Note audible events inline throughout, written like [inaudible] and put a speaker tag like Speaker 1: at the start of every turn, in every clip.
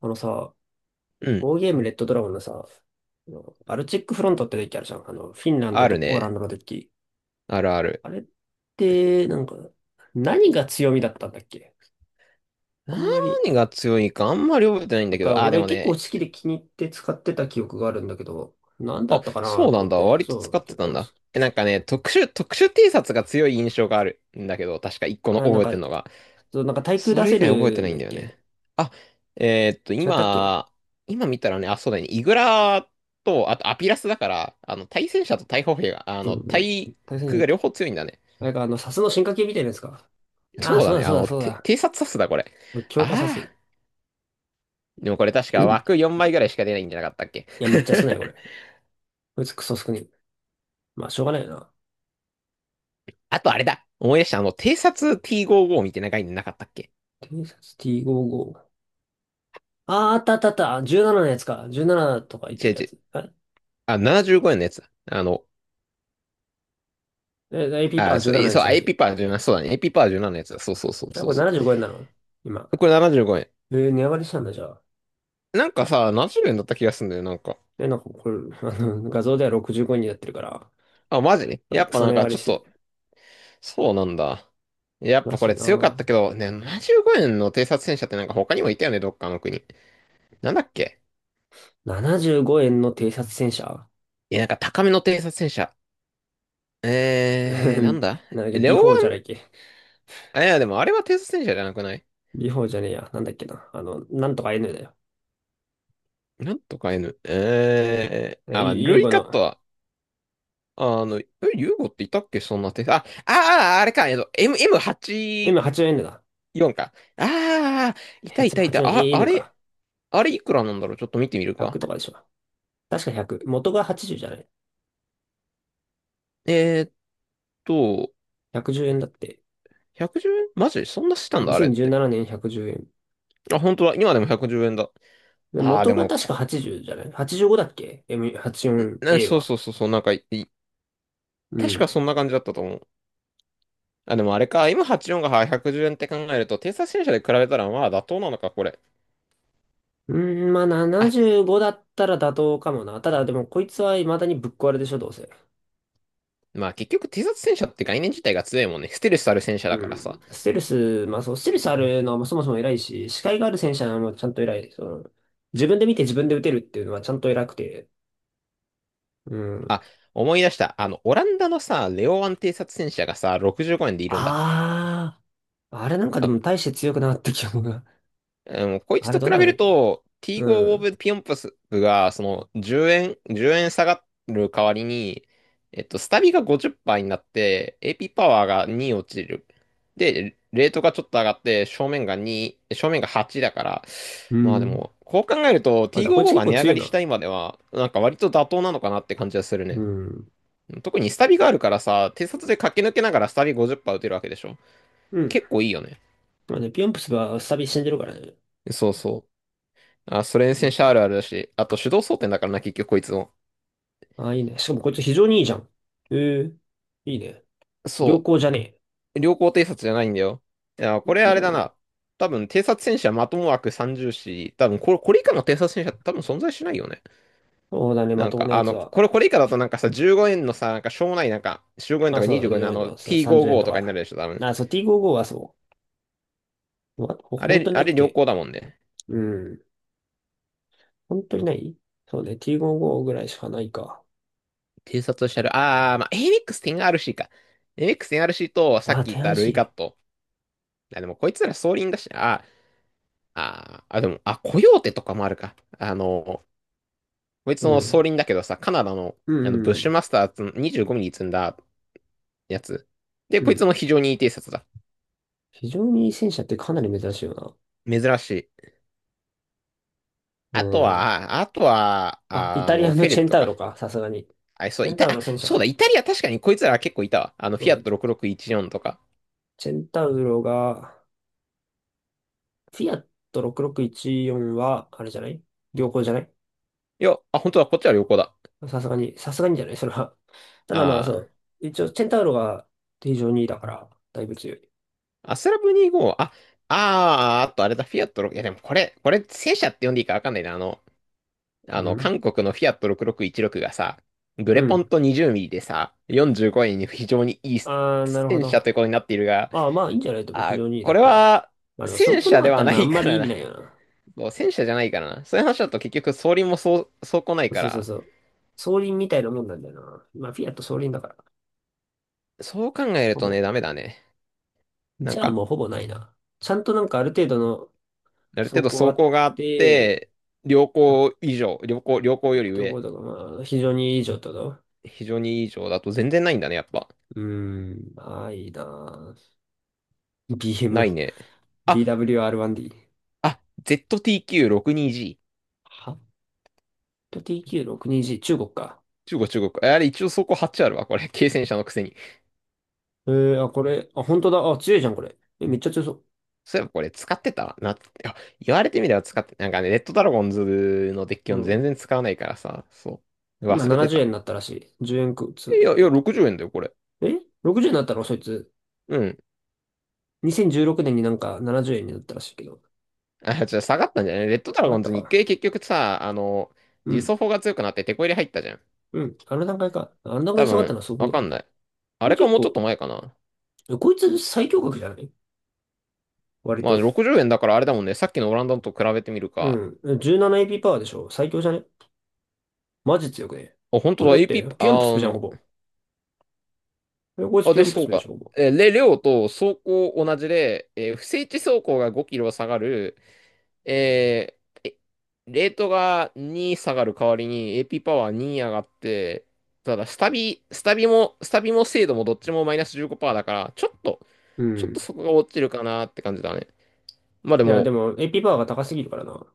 Speaker 1: あのさ、
Speaker 2: うん。
Speaker 1: オーゲームレッドドラゴンのさ、あのバルチックフロントってデッキあるじゃん。あの、フィンランド
Speaker 2: あ
Speaker 1: と
Speaker 2: る
Speaker 1: ポーラン
Speaker 2: ね。
Speaker 1: ドのデッキ。
Speaker 2: あるある。
Speaker 1: あれって、なんか、何が強みだったんだっけ？あんまり、
Speaker 2: 何が強いかあんまり覚えてないん
Speaker 1: な
Speaker 2: だ
Speaker 1: ん
Speaker 2: け
Speaker 1: か
Speaker 2: ど。あ、で
Speaker 1: 俺
Speaker 2: も
Speaker 1: 結構好
Speaker 2: ね。
Speaker 1: きで気に入って使ってた記憶があるんだけど、何だ
Speaker 2: あ、
Speaker 1: ったかな
Speaker 2: そう
Speaker 1: と
Speaker 2: な
Speaker 1: 思
Speaker 2: ん
Speaker 1: っ
Speaker 2: だ。
Speaker 1: て。
Speaker 2: 割と使
Speaker 1: そう、
Speaker 2: って
Speaker 1: 結
Speaker 2: たん
Speaker 1: 構、
Speaker 2: だ。え、なんかね、特殊 T シャツが強い印象があるんだけど、確か一個の
Speaker 1: あ、なん
Speaker 2: 覚えて
Speaker 1: か、
Speaker 2: んのが。
Speaker 1: そう、なんか対空
Speaker 2: そ
Speaker 1: 出
Speaker 2: れ以
Speaker 1: せ
Speaker 2: 外覚えて
Speaker 1: る
Speaker 2: な
Speaker 1: ん
Speaker 2: い
Speaker 1: だ
Speaker 2: ん
Speaker 1: っ
Speaker 2: だよ
Speaker 1: け？
Speaker 2: ね。あ、えーっと、
Speaker 1: 違ったっけ？
Speaker 2: 今、今見たらね、あ、そうだね。イグラと、あとアピラスだから、あの、対戦車と対砲兵が、あ
Speaker 1: そ
Speaker 2: の、
Speaker 1: う、
Speaker 2: 対
Speaker 1: 対戦じ
Speaker 2: 空
Speaker 1: ゃっ
Speaker 2: が
Speaker 1: た。
Speaker 2: 両方強いんだね。
Speaker 1: あれかあの、サスの進化系みたいなやつか。ああ、
Speaker 2: そう
Speaker 1: そ
Speaker 2: だ
Speaker 1: うだ
Speaker 2: ね。あ
Speaker 1: そうだ
Speaker 2: の、
Speaker 1: そうだ。
Speaker 2: 偵察さすだ、これ。
Speaker 1: 強化サス。[clears throat]
Speaker 2: あ
Speaker 1: い
Speaker 2: あ。でもこれ確か枠4枚ぐらいしか出ないんじゃなかったっけ？
Speaker 1: や、めっちゃ少ない、これ。
Speaker 2: [laughs]
Speaker 1: こいつクソ少ない。まあ、しょうがないな。
Speaker 2: あとあれだ。思い出した。あの、偵察 T55 みたいな概念なかったっけ？
Speaker 1: 偵察 T55。あー、あったあったあった。17のやつか。17とか
Speaker 2: 違
Speaker 1: いけ
Speaker 2: う
Speaker 1: るや
Speaker 2: 違う。
Speaker 1: つ。
Speaker 2: あ、75円のやつだ。あの、
Speaker 1: あれえ、AP パ
Speaker 2: あ、
Speaker 1: ー
Speaker 2: そ
Speaker 1: 17の
Speaker 2: う、
Speaker 1: やつ
Speaker 2: そ
Speaker 1: じゃ
Speaker 2: う、
Speaker 1: なく
Speaker 2: エ
Speaker 1: て。
Speaker 2: ピパー17、そうだね。エピパー17のやつだ。そうそうそう
Speaker 1: え、
Speaker 2: そ
Speaker 1: こ
Speaker 2: う
Speaker 1: れ
Speaker 2: そう。
Speaker 1: 75円なの今？
Speaker 2: これ75円。
Speaker 1: えー値上がりしたんだ、じゃあ。
Speaker 2: なんかさ、70円だった気がするんだよ、なんか。
Speaker 1: え、なんかこれ、[laughs] あの、画像では65円になってるから、
Speaker 2: あ、マジでやっ
Speaker 1: ク
Speaker 2: ぱ
Speaker 1: ソ
Speaker 2: な
Speaker 1: 値
Speaker 2: ん
Speaker 1: 上
Speaker 2: か
Speaker 1: がり
Speaker 2: ちょっ
Speaker 1: してる。
Speaker 2: と、そうなんだ。やっ
Speaker 1: ら
Speaker 2: ぱこ
Speaker 1: しい
Speaker 2: れ
Speaker 1: な
Speaker 2: 強かっ
Speaker 1: ぁ。
Speaker 2: たけど、ね、75円の偵察戦車ってなんか他にもいたよね、どっかの国。なんだっけ？
Speaker 1: 75円の偵察戦車？
Speaker 2: いや、なんか高めの偵察戦車。
Speaker 1: [laughs] な
Speaker 2: なんだ？
Speaker 1: んだっけ、
Speaker 2: レオ、
Speaker 1: B4 じゃないっけ。
Speaker 2: あいや、でもあれはテスト戦車じゃなくない？
Speaker 1: B4 じゃねえや。なんだっけな。あの、なんとか N だよ。
Speaker 2: なんとか N。
Speaker 1: え、
Speaker 2: あ、まあ、
Speaker 1: う
Speaker 2: ルイ
Speaker 1: ご
Speaker 2: カッ
Speaker 1: の。
Speaker 2: トは、あの、え、ユーゴっていたっけ？そんなテスト。あ、ああ、あれか、M、
Speaker 1: 今 84N だ。
Speaker 2: M84 か。ああ、いたい
Speaker 1: 8
Speaker 2: たいた。あ、あ
Speaker 1: 84N
Speaker 2: れ、
Speaker 1: か。
Speaker 2: あれいくらなんだろうちょっと見てみる
Speaker 1: 1 0
Speaker 2: か。
Speaker 1: とかでしょ。確か100、元が80じゅうじゃない？
Speaker 2: えーっと、
Speaker 1: 110円だって。
Speaker 2: 110円マジそんなしたんだ、あれっ
Speaker 1: 2017
Speaker 2: て。
Speaker 1: 年110円。
Speaker 2: あ、本当だ。今でも110円だ。
Speaker 1: で、
Speaker 2: ああ、
Speaker 1: 元
Speaker 2: で
Speaker 1: が
Speaker 2: も
Speaker 1: 確か80じゅうじゃない？ 85 だっけ？
Speaker 2: んな、
Speaker 1: M84A はちじゅうよんエー
Speaker 2: そう
Speaker 1: は。
Speaker 2: そうそうそう、なんかい、い
Speaker 1: う
Speaker 2: 確か
Speaker 1: ん。
Speaker 2: そんな感じだったと思う。あ、でもあれか、今84が110円って考えると、偵察戦車で比べたらまあ妥当なのか、これ。
Speaker 1: うん、まあ
Speaker 2: あ、
Speaker 1: 75だったら妥当かもな。ただでもこいつは未だにぶっ壊れでしょ、どうせ。
Speaker 2: まあ結局偵察戦車って概念自体が強いもんね。ステルスある戦車
Speaker 1: う
Speaker 2: だからさ。
Speaker 1: ん。ステルス、まあそう、ステルスあるのはそもそも偉いし、視界がある戦車もちゃんと偉い。その、自分で見て自分で撃てるっていうのはちゃんと偉くて。うん。
Speaker 2: あ、思い出した。あの、オランダのさ、レオワン偵察戦車がさ、65円でいるんだ。
Speaker 1: ああ、あれなんかで
Speaker 2: あ、
Speaker 1: も大して強くなかった記憶が。
Speaker 2: もうこいつ
Speaker 1: あれ
Speaker 2: と
Speaker 1: ど
Speaker 2: 比
Speaker 1: うなん
Speaker 2: べ
Speaker 1: だっ
Speaker 2: る
Speaker 1: け？
Speaker 2: と、T5
Speaker 1: う
Speaker 2: オ
Speaker 1: ん。
Speaker 2: ブピヨンプスが、その、10円、10円下がる代わりに、スタビが50%になって、AP パワーが2落ちる。で、レートがちょっと上がって、正面が2、正面が8だから、
Speaker 1: う
Speaker 2: まあで
Speaker 1: ん。
Speaker 2: も、こう考えると
Speaker 1: あ、じゃあこいつ
Speaker 2: T55
Speaker 1: 結
Speaker 2: が
Speaker 1: 構
Speaker 2: 値上
Speaker 1: 強
Speaker 2: が
Speaker 1: い
Speaker 2: りした
Speaker 1: な。
Speaker 2: 今では、なんか割と妥当なのかなって感じがする
Speaker 1: う
Speaker 2: ね。
Speaker 1: ん。
Speaker 2: 特にスタビがあるからさ、偵察で駆け抜けながらスタビ50%打てるわけでしょ。
Speaker 1: うん。
Speaker 2: 結構いいよね。
Speaker 1: まあね、ピヨンプスはスタビ死んでるからね。
Speaker 2: そうそう。あ、ソ連
Speaker 1: 面
Speaker 2: 戦車
Speaker 1: 白
Speaker 2: あるあ
Speaker 1: い。
Speaker 2: るだし、あと手動装填だからな、結局こいつも。
Speaker 1: あ、いいね。しかもこいつ非常にいいじゃん。ええいいね。良
Speaker 2: そ
Speaker 1: 好じゃね
Speaker 2: う。良好偵察じゃないんだよ。いや、
Speaker 1: え？
Speaker 2: こ
Speaker 1: 良
Speaker 2: れ
Speaker 1: 好
Speaker 2: あ
Speaker 1: じ
Speaker 2: れ
Speaker 1: ゃな
Speaker 2: だ
Speaker 1: い？
Speaker 2: な。多分、偵察戦車まとも枠30し、多分これ、これ以下の偵察戦車って多分存在しないよね。
Speaker 1: そうだね、ま
Speaker 2: なん
Speaker 1: とも
Speaker 2: か、
Speaker 1: なや
Speaker 2: あ
Speaker 1: つ
Speaker 2: の、
Speaker 1: は。
Speaker 2: これ、これ以下だとなんかさ、15円のさ、なんかしょうもないなんか、15円と
Speaker 1: あ、
Speaker 2: か
Speaker 1: そうだ
Speaker 2: 25
Speaker 1: ね、
Speaker 2: 円の
Speaker 1: 10
Speaker 2: あ
Speaker 1: 円と
Speaker 2: の、
Speaker 1: か、30円
Speaker 2: T55
Speaker 1: と
Speaker 2: とかになる
Speaker 1: か。
Speaker 2: でしょ、多分。
Speaker 1: あ、そう、T55 はそう。わほ
Speaker 2: あ
Speaker 1: 本
Speaker 2: れ、
Speaker 1: 当にな
Speaker 2: あ
Speaker 1: いっ
Speaker 2: れ良
Speaker 1: け？
Speaker 2: 好だもんね。
Speaker 1: うん。本当にない？そうね、T55 ぐらいしかないか。
Speaker 2: 偵察車両、まあ、AMX10RC か。AMX10RC と、さっ
Speaker 1: あ、
Speaker 2: き言っ
Speaker 1: 手
Speaker 2: た
Speaker 1: 荒
Speaker 2: ル
Speaker 1: し
Speaker 2: イカ
Speaker 1: い。
Speaker 2: ット。あ、でもこいつら装輪だし、でも、あ、コヨーテとかもあるか。あの、こいつ
Speaker 1: う
Speaker 2: の総
Speaker 1: ん。
Speaker 2: 輪だけどさ、カナダの、
Speaker 1: う
Speaker 2: あの
Speaker 1: ん、
Speaker 2: ブッ
Speaker 1: う
Speaker 2: シュ
Speaker 1: ん。
Speaker 2: マスターズの25ミリ積んだやつ。で、
Speaker 1: う
Speaker 2: こいつ
Speaker 1: ん。
Speaker 2: も非常にいい偵察だ。
Speaker 1: 非常にいい戦車ってかなり珍しいよな。
Speaker 2: 珍しい。
Speaker 1: う
Speaker 2: あと
Speaker 1: ん。
Speaker 2: は、あとは、
Speaker 1: あ、イタリアの
Speaker 2: フェレ
Speaker 1: チ
Speaker 2: ッ
Speaker 1: ェン
Speaker 2: ト
Speaker 1: タウロ
Speaker 2: か。
Speaker 1: か、さすがに。チ
Speaker 2: あ、そう、
Speaker 1: ェンタウ
Speaker 2: あ
Speaker 1: ロ戦車
Speaker 2: そうだ、
Speaker 1: が、
Speaker 2: イタリア確かにこいつら結構いたわ。あの、フ
Speaker 1: そう
Speaker 2: ィア
Speaker 1: だ
Speaker 2: ッ
Speaker 1: ね。
Speaker 2: ト6614とか。
Speaker 1: チェンタウロが、フィアット6614は、あれじゃない？良好じゃない？
Speaker 2: いや、あ、本当だ、こっちは旅行だ。
Speaker 1: さすがに、さすがにじゃないそれは。ただまあそ
Speaker 2: あ
Speaker 1: う。一応、チェンタウロが非常にいいだから、だいぶ強い。
Speaker 2: あ、アスラブ25、あ、ああ、あとあれだ、フィアット6、いやでもこれ、これ、戦車って呼んでいいかわかんないな。あの、あ
Speaker 1: う
Speaker 2: の、
Speaker 1: ん
Speaker 2: 韓国のフィアット6616がさ、グ
Speaker 1: う
Speaker 2: レポン
Speaker 1: ん。
Speaker 2: と20ミリでさ、45円に非常にいい
Speaker 1: あー、なるほ
Speaker 2: 戦
Speaker 1: ど。
Speaker 2: 車ということになっているが、
Speaker 1: ああ、まあいいんじゃないと思う。非
Speaker 2: あ、
Speaker 1: 常にいい
Speaker 2: こ
Speaker 1: だっ
Speaker 2: れ
Speaker 1: たら。
Speaker 2: は
Speaker 1: まあでも、そう
Speaker 2: 戦
Speaker 1: こな
Speaker 2: 車
Speaker 1: か
Speaker 2: で
Speaker 1: っ
Speaker 2: は
Speaker 1: たら
Speaker 2: な
Speaker 1: な、あ
Speaker 2: い
Speaker 1: んま
Speaker 2: か
Speaker 1: り
Speaker 2: ら
Speaker 1: 意
Speaker 2: な。
Speaker 1: 味ない
Speaker 2: [laughs]
Speaker 1: よな。
Speaker 2: そう戦車じゃないからな。そういう話だと結局装輪もそう、装甲ないか
Speaker 1: そうそう
Speaker 2: ら、
Speaker 1: そう。そう。双輪みたいなもんなんだよな。まあ、フィアット双輪だから。
Speaker 2: そう考える
Speaker 1: ほ
Speaker 2: と
Speaker 1: ぼ、
Speaker 2: ね、ダメだね。な
Speaker 1: じ
Speaker 2: ん
Speaker 1: ゃあ
Speaker 2: か、
Speaker 1: もうほぼないな。ちゃんとなんかある程度の
Speaker 2: ある程
Speaker 1: 走
Speaker 2: 度
Speaker 1: 行あ
Speaker 2: 装
Speaker 1: っ
Speaker 2: 甲があっ
Speaker 1: て、
Speaker 2: て、良好以上、良好より
Speaker 1: ど
Speaker 2: 上、
Speaker 1: こだかまあ、非常にいい状態だわ。
Speaker 2: 非常にいい以上だと全然ないんだね、やっぱ。
Speaker 1: うーん、ああ、いいなぁ。
Speaker 2: な
Speaker 1: BM、
Speaker 2: いね。あ、
Speaker 1: BWR1D。
Speaker 2: あ、ZTQ62G。
Speaker 1: 800TQ62G、はちきゅうろくにジー中国か。
Speaker 2: 中国、中国。あれ、一応走っ8あるわ、これ。軽戦車のくせに。
Speaker 1: えー、あ、これ、あ、本当だ。あ、強いじゃん、これ。え、めっちゃ強そ
Speaker 2: そういえばこれ、使ってたなって。あ言われてみれば使って、なんかね、レッドドラゴンズのデッキ
Speaker 1: う。う
Speaker 2: を全
Speaker 1: ん。
Speaker 2: 然使わないからさ、そう。
Speaker 1: 今
Speaker 2: 忘れて
Speaker 1: 70
Speaker 2: た。
Speaker 1: 円になったらしい。10円くつ
Speaker 2: いや、い
Speaker 1: 増え
Speaker 2: や、
Speaker 1: た。
Speaker 2: 60円だよ、これ。
Speaker 1: え？ 60 円になったのそいつ？
Speaker 2: うん。
Speaker 1: 2016年になんか70円になったらしいけど。
Speaker 2: あ、じゃ下がったんじゃない？レッドドラ
Speaker 1: 上が
Speaker 2: ゴ
Speaker 1: っ
Speaker 2: ン
Speaker 1: た
Speaker 2: ズ日
Speaker 1: か。
Speaker 2: 経結局さ、あの、
Speaker 1: う
Speaker 2: 自
Speaker 1: ん。
Speaker 2: 走砲が強くなってテこ入れ入ったじゃん。
Speaker 1: うん。あの段階か。あの段階
Speaker 2: 多
Speaker 1: で下がった
Speaker 2: 分、
Speaker 1: のはすごく
Speaker 2: わ
Speaker 1: ね。
Speaker 2: かんない。あ
Speaker 1: これ
Speaker 2: れか
Speaker 1: 結
Speaker 2: もうちょっ
Speaker 1: 構、
Speaker 2: と前かな。
Speaker 1: こいつ最強格じゃない割
Speaker 2: まあ、
Speaker 1: と。
Speaker 2: 60円だからあれだもんね。さっきのオランダのと比べてみるか。
Speaker 1: うん。17AP パワーでしょ、最強じゃね？マジ強くね？
Speaker 2: あ、本
Speaker 1: こ
Speaker 2: 当
Speaker 1: れ
Speaker 2: だ、
Speaker 1: だって、
Speaker 2: AP、
Speaker 1: ピヨンプスプじゃん、ほぼ。えこいつ
Speaker 2: あ、
Speaker 1: ピ
Speaker 2: で、
Speaker 1: ヨンプ
Speaker 2: そ
Speaker 1: ス
Speaker 2: う
Speaker 1: プでし
Speaker 2: か。
Speaker 1: ょ、ほぼ。
Speaker 2: で、量と走行同じで、不整地走行が5キロ下がる、えーえレートが2下がる代わりに AP パワー2上がって、ただ、スタビも精度もどっちもマイナス15%だから、ちょっと、
Speaker 1: う
Speaker 2: ちょっと
Speaker 1: ん。
Speaker 2: そこが落ちるかなって感じだね。まあで
Speaker 1: いや、で
Speaker 2: も、
Speaker 1: も、AP パワーが高すぎるからな。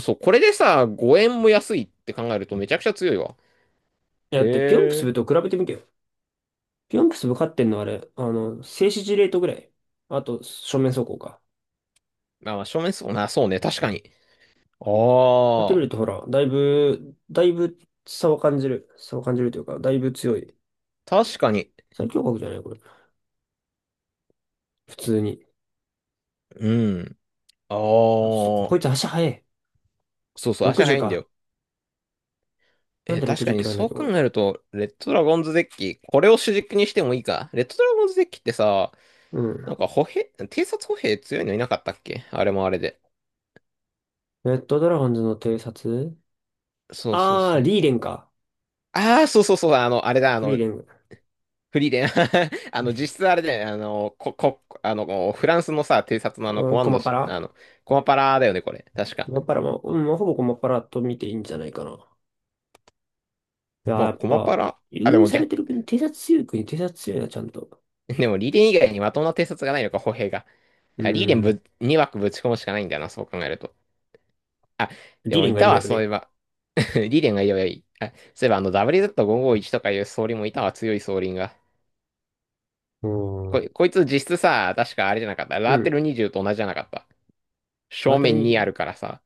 Speaker 2: そう、これでさ、5円も安いって考えるとめちゃくちゃ強いわ。
Speaker 1: いや、だって、ピョンプス
Speaker 2: へ
Speaker 1: ブ
Speaker 2: え。
Speaker 1: と比べてみてよ。ピョンプスブ勝ってんのあれ、あの、静止時レートぐらい。あと、正面走行か。
Speaker 2: まあ、まあ正面そうな、そうね、確かに。あ
Speaker 1: やってみ
Speaker 2: あ、
Speaker 1: ると、ほら、だいぶ、だいぶ差を感じる。差を感じるというか、だいぶ強い。
Speaker 2: 確かに。
Speaker 1: 最強国じゃないこれ。普通に。
Speaker 2: うん。ああ、
Speaker 1: こいつ足速い。
Speaker 2: そうそう、足早
Speaker 1: 60
Speaker 2: いんだ
Speaker 1: か。
Speaker 2: よ。
Speaker 1: なんで
Speaker 2: 確
Speaker 1: 60
Speaker 2: か
Speaker 1: キ
Speaker 2: に
Speaker 1: ロなんだっ
Speaker 2: そう
Speaker 1: け、こ
Speaker 2: 考
Speaker 1: れ。
Speaker 2: えると、レッドドラゴンズデッキ、これを主軸にしてもいいか。レッドドラゴンズデッキってさ、
Speaker 1: う
Speaker 2: なん
Speaker 1: ん。
Speaker 2: か偵察歩兵強いのいなかったっけ？あれもあれで。
Speaker 1: レッドドラゴンズの偵察？
Speaker 2: そうそう
Speaker 1: ああー、
Speaker 2: そう。
Speaker 1: リーレンか。
Speaker 2: ああ、そうそうそう、あの、あれだ、あ
Speaker 1: フリー
Speaker 2: の、
Speaker 1: レン。
Speaker 2: フリーレン。[laughs] あの、実質あれだよね、あの、あの、フランスのさ、偵察のあの、
Speaker 1: う
Speaker 2: コ
Speaker 1: ん、
Speaker 2: マ
Speaker 1: コ
Speaker 2: ンド
Speaker 1: マパ
Speaker 2: し、あ
Speaker 1: ラ。
Speaker 2: の、コマパラだよね、これ。確か。
Speaker 1: コマパラも、うん、まあほぼコマパラと見ていいんじゃないかな。いやー、
Speaker 2: ま
Speaker 1: や
Speaker 2: あ、
Speaker 1: っ
Speaker 2: コマ
Speaker 1: ぱ、
Speaker 2: パラ。
Speaker 1: 優
Speaker 2: あ、で
Speaker 1: 遇
Speaker 2: も
Speaker 1: され
Speaker 2: 逆
Speaker 1: てる国、偵察強い国、偵察強いな、ちゃんと。
Speaker 2: [laughs] でも、リーデン以外にまともな偵察がないのか、歩兵が。
Speaker 1: う
Speaker 2: いやリーデン
Speaker 1: ん。
Speaker 2: ぶ、2枠ぶち込むしかないんだよな、そう考えると。あ、で
Speaker 1: リーレ
Speaker 2: も、
Speaker 1: ン
Speaker 2: い
Speaker 1: がい
Speaker 2: た
Speaker 1: れば
Speaker 2: わ、
Speaker 1: よく
Speaker 2: そうい
Speaker 1: ね？
Speaker 2: えば。[laughs] リーデンがいればいい。あ、そういえば、あの、WZ551 とかいう総輪もいたわ、強い総輪が。
Speaker 1: う
Speaker 2: こ
Speaker 1: ん。
Speaker 2: い、こいつ実質さ、確かあれじゃなかった？
Speaker 1: う
Speaker 2: ラーテ
Speaker 1: ん。
Speaker 2: ル20と同じじゃなかった？
Speaker 1: ラ
Speaker 2: 正
Speaker 1: テル
Speaker 2: 面にあ
Speaker 1: に、
Speaker 2: るからさ。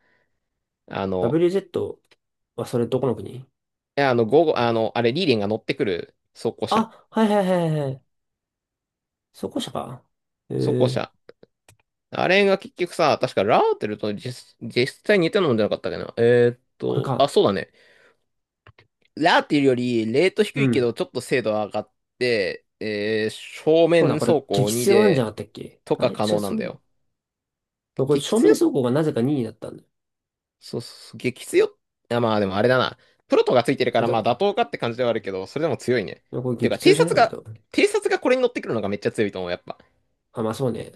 Speaker 2: あの、
Speaker 1: WZ はそれどこの国？
Speaker 2: いやあの、午後、あの、あれ、リーデンが乗ってくる装甲車。
Speaker 1: あ、はいはいはいはい。そこ社か。え
Speaker 2: 装甲
Speaker 1: ー、
Speaker 2: 車。あれが結局さ、確かラーテルと実際似てるのじゃなかったっけど、
Speaker 1: これ
Speaker 2: あ、
Speaker 1: か。
Speaker 2: そうだね。ラーっていうより、レート
Speaker 1: う
Speaker 2: 低いけど、
Speaker 1: ん。
Speaker 2: ちょっと精度は上がって、正
Speaker 1: そう
Speaker 2: 面
Speaker 1: だ、これ
Speaker 2: 走行
Speaker 1: 激
Speaker 2: 2
Speaker 1: 強なんじゃな
Speaker 2: で、
Speaker 1: かったっけ？
Speaker 2: と
Speaker 1: あ
Speaker 2: か
Speaker 1: れ、違
Speaker 2: 可
Speaker 1: う、
Speaker 2: 能な
Speaker 1: そ
Speaker 2: んだ
Speaker 1: う、
Speaker 2: よ。
Speaker 1: これ
Speaker 2: 激
Speaker 1: 正面
Speaker 2: 強、
Speaker 1: 走行がなぜか2位だったんだよ。
Speaker 2: そうそう、激強。あ、まあでもあれだな。プロトがついてる
Speaker 1: 必
Speaker 2: か
Speaker 1: 要
Speaker 2: ら、
Speaker 1: だ
Speaker 2: まあ
Speaker 1: ろ
Speaker 2: 妥
Speaker 1: う。
Speaker 2: 当かって感じではあるけど、それでも強いね。
Speaker 1: でもこれ
Speaker 2: っていうか、
Speaker 1: 激強
Speaker 2: 偵
Speaker 1: じゃない
Speaker 2: 察
Speaker 1: 割
Speaker 2: が、
Speaker 1: と。
Speaker 2: 偵察がこれに乗ってくるのがめっちゃ強いと思う、やっぱ。
Speaker 1: あ、まあそうね。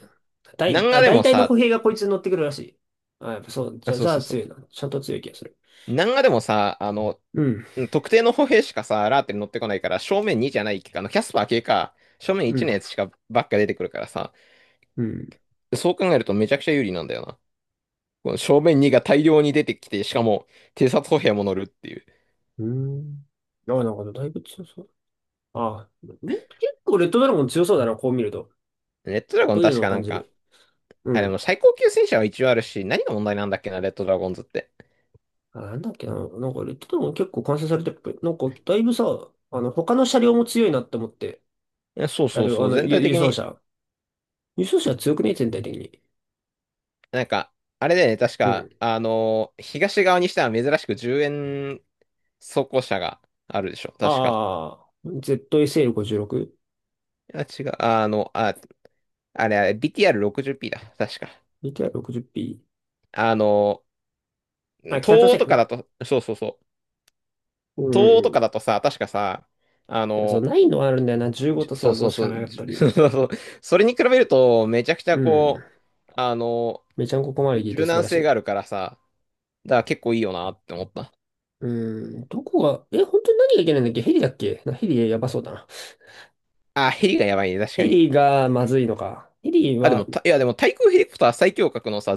Speaker 1: 大、
Speaker 2: 南ガ
Speaker 1: あ、
Speaker 2: で
Speaker 1: 大
Speaker 2: も
Speaker 1: 体の歩
Speaker 2: さ、
Speaker 1: 兵がこいつに乗ってくるらしい。あ、やっぱそう。じ
Speaker 2: あ、
Speaker 1: ゃあ、
Speaker 2: そ
Speaker 1: じ
Speaker 2: う
Speaker 1: ゃ
Speaker 2: そ
Speaker 1: あ
Speaker 2: うそう。
Speaker 1: 強いな。ちゃんと強い気がする。
Speaker 2: 南ガでもさ、あの、
Speaker 1: うん、
Speaker 2: うん特定の歩兵しかさ、ラーテに乗ってこないから、正面2じゃないか、あの、キャスパー系か、正面
Speaker 1: う
Speaker 2: 1の
Speaker 1: ん、
Speaker 2: やつしかばっか出てくるからさ、
Speaker 1: うん、
Speaker 2: そう考えるとめちゃくちゃ有利なんだよな。この正面2が大量に出てきて、しかも偵察歩兵も乗るっていう。
Speaker 1: うん。あ、なんかだいぶ強そう。あ、うん結構レッドドラゴン強そうだな、こう見ると。
Speaker 2: レッドドラゴ
Speaker 1: ど
Speaker 2: ン
Speaker 1: ういう
Speaker 2: 確
Speaker 1: のを
Speaker 2: かな
Speaker 1: 感
Speaker 2: ん
Speaker 1: じ
Speaker 2: か、
Speaker 1: る。う
Speaker 2: あ、で
Speaker 1: ん。
Speaker 2: も最高級戦車は一応あるし、何が問題なんだっけな、レッドドラゴンズって。
Speaker 1: あ、なんだっけな。なんかレッドドラゴン結構完成されてるっぽい。なんかだいぶさ、あの、他の車両も強いなって思って。
Speaker 2: いやそう
Speaker 1: 車
Speaker 2: そう
Speaker 1: 両、あ
Speaker 2: そう、
Speaker 1: の、
Speaker 2: 全
Speaker 1: 輸、
Speaker 2: 体
Speaker 1: 輸
Speaker 2: 的
Speaker 1: 送
Speaker 2: に、
Speaker 1: 車。輸送車強くね、全体的に。
Speaker 2: なんか、あれだよね、確
Speaker 1: う
Speaker 2: か、
Speaker 1: ん。
Speaker 2: 東側にしては珍しく10円装甲車があるでしょ、確か。
Speaker 1: ああ、ZSL56？
Speaker 2: いや、違う、あの、あ、あれ BTR60P だ、確か。
Speaker 1: VTR60P？
Speaker 2: あの
Speaker 1: あ、北朝
Speaker 2: 東欧とか
Speaker 1: 鮮、
Speaker 2: だと、そうそうそう、
Speaker 1: う
Speaker 2: 東欧と
Speaker 1: ん。い
Speaker 2: かだとさ、確かさ、あ
Speaker 1: や、そう、
Speaker 2: の
Speaker 1: ないのはあるんだよな。15と
Speaker 2: [laughs] そ
Speaker 1: さ、
Speaker 2: うそ
Speaker 1: 5
Speaker 2: う
Speaker 1: しか
Speaker 2: そ
Speaker 1: なか
Speaker 2: う。
Speaker 1: ったり。
Speaker 2: [laughs] それに比べると、めちゃくち
Speaker 1: う
Speaker 2: ゃ
Speaker 1: ん。
Speaker 2: こう、あの、
Speaker 1: めちゃんここまで聞いて
Speaker 2: 柔
Speaker 1: 素晴
Speaker 2: 軟
Speaker 1: らし
Speaker 2: 性が
Speaker 1: い。
Speaker 2: あるからさ、だから結構いいよなって思った。
Speaker 1: うん。どこが、え、本当に何がいけないんだっけ？ヘリだっけな。ヘリやばそうだな。
Speaker 2: あ、ヘリがやばいね、確か
Speaker 1: ヘ
Speaker 2: に。
Speaker 1: リがまずいのか。ヘリ
Speaker 2: あ、で
Speaker 1: は、
Speaker 2: も、たいや、でも、対空ヘリコプター最強格のさ、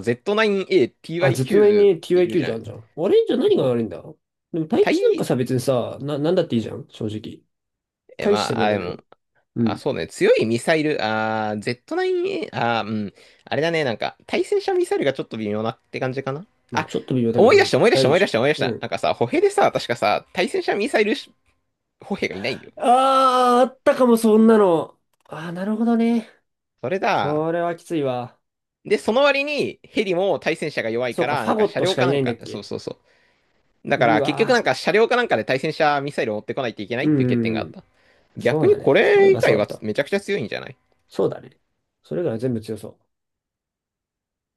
Speaker 1: あ、ずっとなり
Speaker 2: Z9ATY90 っ
Speaker 1: に
Speaker 2: ている
Speaker 1: TYQ
Speaker 2: じ
Speaker 1: じ
Speaker 2: ゃ
Speaker 1: ゃ
Speaker 2: ん。
Speaker 1: んじゃん。あれじゃあ何が
Speaker 2: そ
Speaker 1: 悪いんだ？でも、
Speaker 2: う。
Speaker 1: 対地なんかさ、別にさ、なんだっていいじゃん、正直。
Speaker 2: え、
Speaker 1: 大し
Speaker 2: ま
Speaker 1: て
Speaker 2: あ、
Speaker 1: 問
Speaker 2: あ、
Speaker 1: 題
Speaker 2: で
Speaker 1: な
Speaker 2: も、
Speaker 1: い。う
Speaker 2: あ、
Speaker 1: ん。
Speaker 2: そうね、強いミサイル、Z9A、うん、あれだね、なんか、対戦車ミサイルがちょっと微妙なって感じかな。
Speaker 1: まあ、
Speaker 2: あ、
Speaker 1: ちょっと微妙だけ
Speaker 2: 思い出
Speaker 1: ど、
Speaker 2: した、思い出
Speaker 1: 使
Speaker 2: し
Speaker 1: え
Speaker 2: た、
Speaker 1: るで
Speaker 2: 思い
Speaker 1: し
Speaker 2: 出した、
Speaker 1: ょ。
Speaker 2: 思い出し
Speaker 1: う
Speaker 2: た。
Speaker 1: ん。
Speaker 2: なんかさ、歩兵でさ、確かさ、対戦車ミサイル歩兵がいないんだよ。
Speaker 1: ああ、あったかも、そんなの。ああ、なるほどね。
Speaker 2: それだ。
Speaker 1: それはきついわ。
Speaker 2: で、その割にヘリも対戦車が弱い
Speaker 1: そう
Speaker 2: か
Speaker 1: か、
Speaker 2: ら、
Speaker 1: フ
Speaker 2: なん
Speaker 1: ァ
Speaker 2: か
Speaker 1: ゴッ
Speaker 2: 車
Speaker 1: トし
Speaker 2: 両
Speaker 1: か
Speaker 2: か
Speaker 1: い
Speaker 2: な
Speaker 1: な
Speaker 2: ん
Speaker 1: いんだっ
Speaker 2: か、そう
Speaker 1: け。
Speaker 2: そうそう。だか
Speaker 1: う
Speaker 2: ら結局なん
Speaker 1: わ
Speaker 2: か車両かなんかで対戦車ミサイルを持ってこないといけな
Speaker 1: ー。
Speaker 2: い
Speaker 1: う
Speaker 2: ってい
Speaker 1: ん
Speaker 2: う
Speaker 1: う
Speaker 2: 欠点
Speaker 1: ん
Speaker 2: が
Speaker 1: う
Speaker 2: あっ
Speaker 1: ん。
Speaker 2: た。
Speaker 1: そ
Speaker 2: 逆
Speaker 1: う
Speaker 2: に
Speaker 1: だ
Speaker 2: こ
Speaker 1: ね。そういえ
Speaker 2: れ以
Speaker 1: ばそ
Speaker 2: 外
Speaker 1: うだっ
Speaker 2: は
Speaker 1: た。
Speaker 2: めちゃくちゃ強いんじゃない？
Speaker 1: そうだね。それ以外は全部強そう。